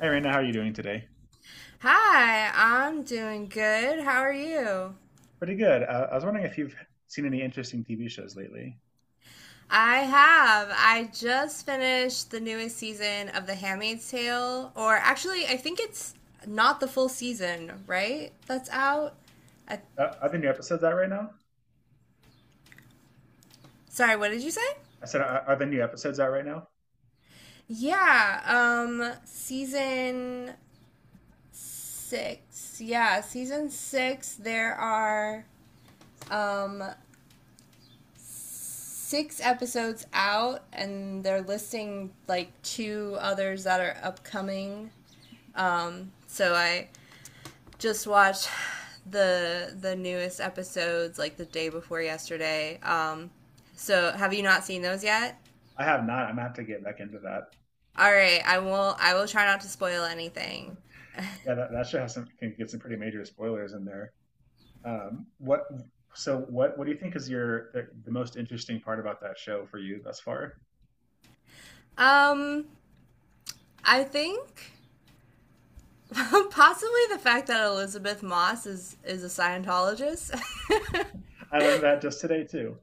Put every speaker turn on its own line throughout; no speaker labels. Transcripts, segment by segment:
Hey, Raina, how are you doing today?
Hi, I'm doing good. How are you?
Pretty good. I was wondering if you've seen any interesting TV shows lately.
I have. I just finished the newest season of The Handmaid's Tale, or actually, I think it's not the full season, right? That's out. I,
Are there new episodes out right now?
Sorry, what did you say?
I said, are there new episodes out right now?
Yeah, season six. Yeah, season six, there are um six episodes out, and they're listing like two others that are upcoming. So I just watched the newest episodes like the day before yesterday. So have you not seen those yet?
I have not. I'm gonna have to get back into that.
All right, I will. I will try not to spoil anything.
Yeah, that show has some can get some pretty major spoilers in there. What? So what? What do you think is the most interesting part about that show for you thus far?
Um, I think possibly the fact that Elizabeth Moss is a Scientologist.
I learned that just today too.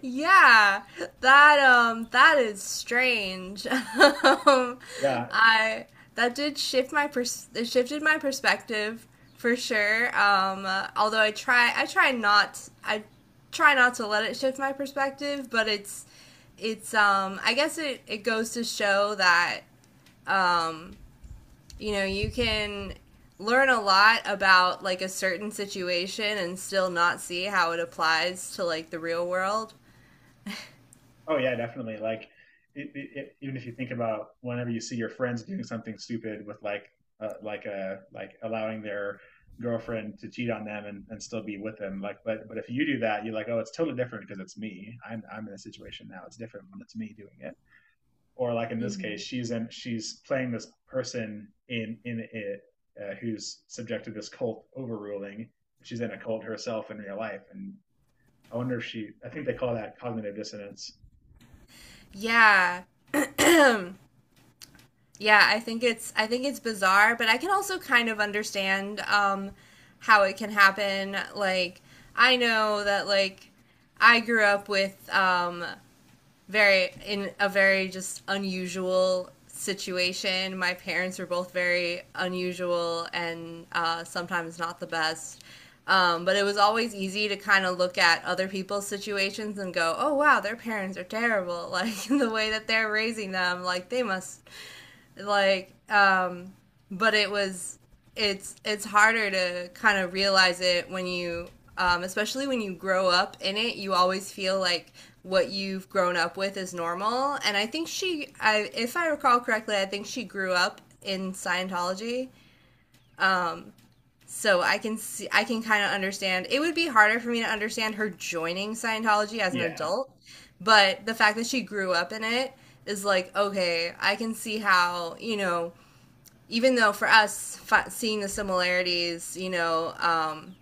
Yeah, that that is strange. Um,
Yeah.
I that did shift my pers it shifted my perspective for sure. Although I try not to let it shift my perspective, but it's I guess it goes to show that um you can learn a lot about like a certain situation and still not see how it applies to like the real world.
Oh yeah, definitely. Like, even if you think about whenever you see your friends doing something stupid with like a like allowing their girlfriend to cheat on them and still be with them, like, but if you do that, you're like, oh, it's totally different because it's me. I'm in a situation now. It's different when it's me doing it. Or like in this case, she's playing this person in it who's subject to this cult overruling. She's in a cult herself in real life, and I wonder if she. I think they call that cognitive dissonance.
Yeah. Yeah, I think it's bizarre, but I can also kind of understand how it can happen. Like I know that like I grew up with very in a very just unusual situation. My parents were both very unusual and sometimes not the best. But it was always easy to kind of look at other people's situations and go, oh, wow, their parents are terrible. Like the way that they're raising them, like they must like um but it was it's harder to kind of realize it when you especially when you grow up in it you always feel like what you've grown up with is normal, and I think she I, if I recall correctly I think she grew up in scientology, so I can kind of understand. It would be harder for me to understand her joining scientology as an
Yeah.
adult, but the fact that she grew up in it is like, okay, I can see how, you know, even though for us seeing the similarities, you know,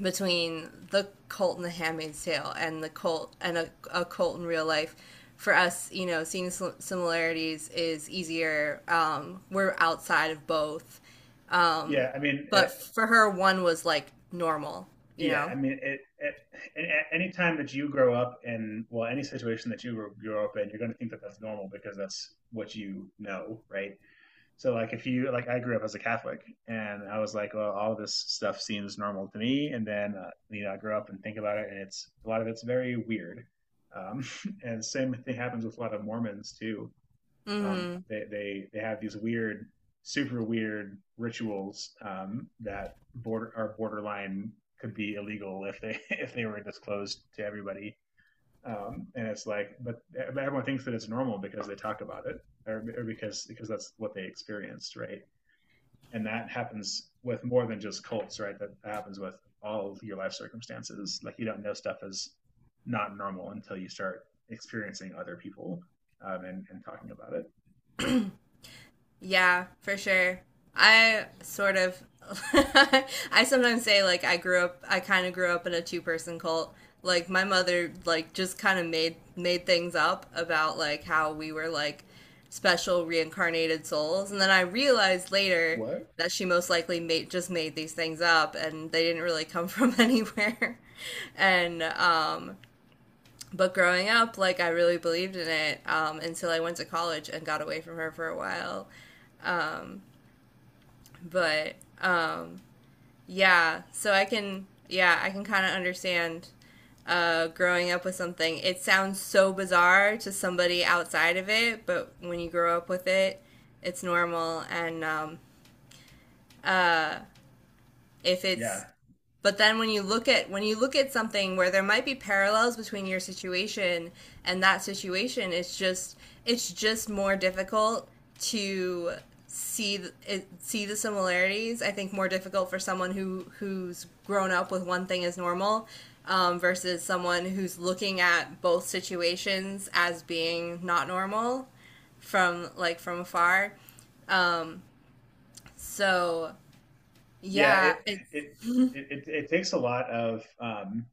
between the cult and the Handmaid's Tale and the cult and a cult in real life, for us, you know, seeing similarities is easier. We're outside of both, um,
Yeah, I mean, uh
but for her, one was like normal, you
yeah,
know.
I mean, any time that you grow up in, well, any situation that you grow up in, you're going to think that that's normal because that's what you know, right? So, like, if you, like, I grew up as a Catholic and I was like, well, all this stuff seems normal to me. And then, you know, I grow up and think about it and it's, a lot of it's very weird. Um, and same thing happens with a lot of Mormons too,
Hmm.
they have these weird, super weird rituals, that border are borderline could be illegal if they if they were disclosed to everybody. And it's like, but everyone thinks that it's normal because they talk about it, or because that's what they experienced, right? And that happens with more than just cults, right? That happens with all of your life circumstances. Like you don't know stuff is not normal until you start experiencing other people, and talking about it.
Yeah, for sure. I sort of, I sometimes say like I grew up, I kind of grew up in a two-person cult. Like my mother, like just kind of made things up about like how we were like special reincarnated souls, and then I realized later
What?
that she most likely made just made these things up, and they didn't really come from anywhere. And But growing up, like I really believed in it, until I went to college and got away from her for a while, but. Yeah, I can kind of understand, growing up with something. It sounds so bizarre to somebody outside of it, but when you grow up with it, it's normal. And if
Yeah.
it's but then when you look at, when you look at something where there might be parallels between your situation and that situation, it's just more difficult to see the similarities. I think more difficult for someone who's grown up with one thing as normal, versus someone who's looking at both situations as being not normal, from like from afar. So
Yeah.
yeah,
It,
it's
it takes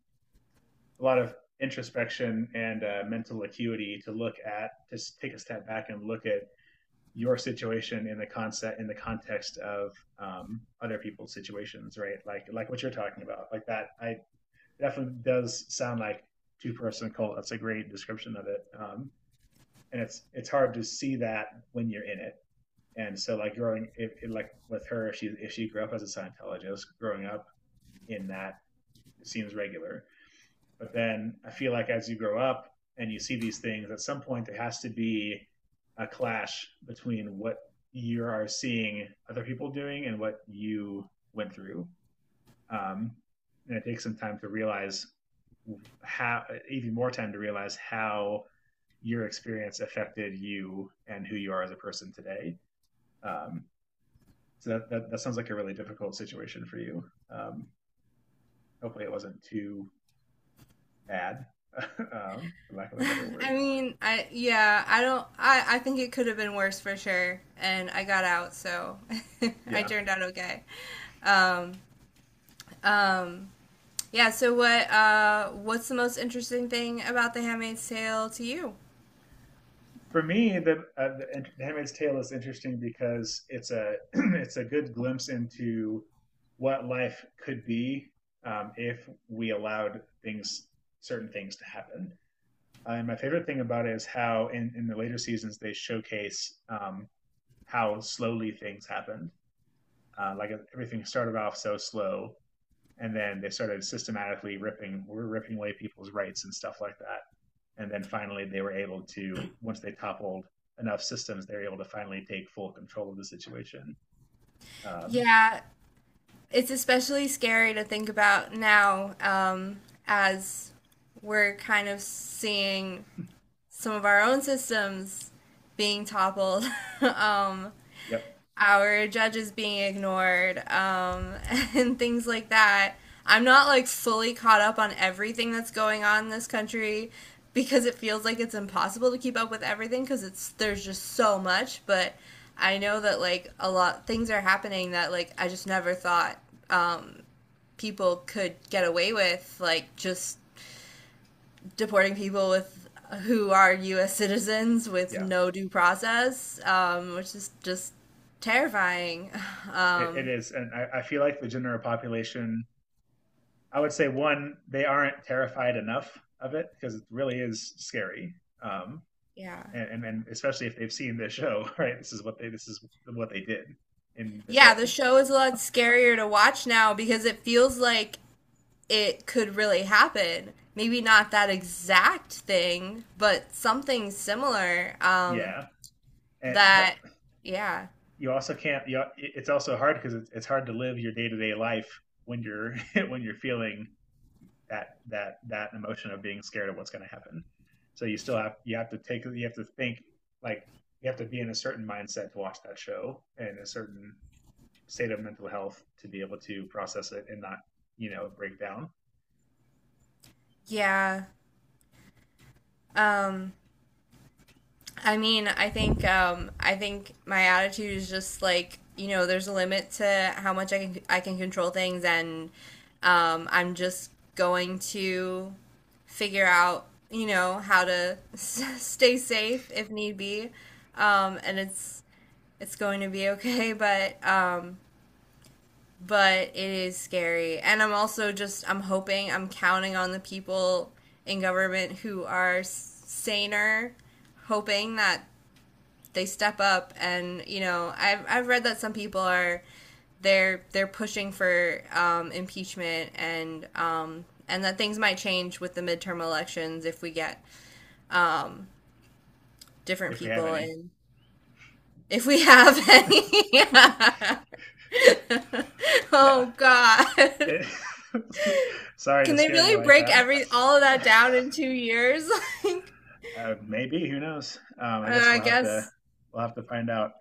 a lot of introspection and mental acuity to take a step back and look at your situation in the context of, other people's situations, right? Like what you're talking about, like that, I definitely does sound like two-person cult. That's a great description of it. And it's hard to see that when you're in it. And so like growing, if, like with her, if she grew up as a Scientologist growing up, in that it seems regular. But then I feel like as you grow up and you see these things, at some point there has to be a clash between what you are seeing other people doing and what you went through. Um, and it takes some time to realize how, even more time to realize how your experience affected you and who you are as a person today. Um, so that sounds like a really difficult situation for you. Um, Hopefully it wasn't too bad, for lack of a better word.
I mean, I yeah, I don't. I think it could have been worse for sure, and I got out, so I
Yeah,
turned out okay. Um, um, yeah. What's the most interesting thing about The Handmaid's Tale to you?
for me, the Handmaid's Tale is interesting because it's a it's a good glimpse into what life could be, if we allowed things certain things to happen. And my favorite thing about it is how in the later seasons they showcase, how slowly things happened. Everything started off so slow, and then they started systematically ripping away people's rights and stuff like that. And then finally, they were able to, once they toppled enough systems, they were able to finally take full control of the situation. Um,
Yeah, it's especially scary to think about now, as we're kind of seeing some of our own systems being toppled. Um,
yep.
our judges being ignored, and things like that. I'm not like fully caught up on everything that's going on in this country because it feels like it's impossible to keep up with everything because it's there's just so much. But I know that like a lot things are happening that like I just never thought um, people could get away with, like just deporting people with who are U.S. citizens with
Yeah,
no due process, which is just terrifying.
it
Um,
is. And I feel like the general population, I would say, one, they aren't terrified enough of it because it really is scary. Um,
yeah,
and especially if they've seen the show, right? This is what they did in the show.
yeah. The show is a lot scarier to watch now because it feels like it could really happen. Maybe not that exact thing, but something similar.
Yeah, and
That,
but
yeah,
you also can't. It's also hard because it's hard to live your day to day life when you're when you're feeling that emotion of being scared of what's going to happen. So you have to take you have to think like you have to be in a certain mindset to watch that show and a certain state of mental health to be able to process it and not break down
yeah. Um, I mean, I think my attitude is just like, you know, there's a limit to how much I can control things, and I'm just going to figure out, you know, how to s- stay safe if need be, and it's going to be okay, but it is scary, and I'm also just, I'm hoping, I'm counting on the people in government who are s- saner, hoping that they step up. And you know, I've read that some people are, they're pushing for impeachment, and that things might change with the midterm elections if we get um, different
if we have
people.
any.
And if we have any. Yeah.
Yeah.
Oh God.
Sorry
Can
to
they
scare you
really
like
break
that.
every all of that down in 2 years? Like,
Maybe who knows? I guess
I guess
we'll have to find out.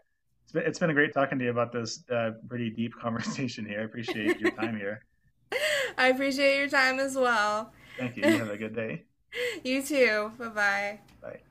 It's been great talking to you about this, pretty deep conversation here. I appreciate your time here.
I appreciate your time as well.
Thank you. You have a good day.
You too. Bye bye.
Bye.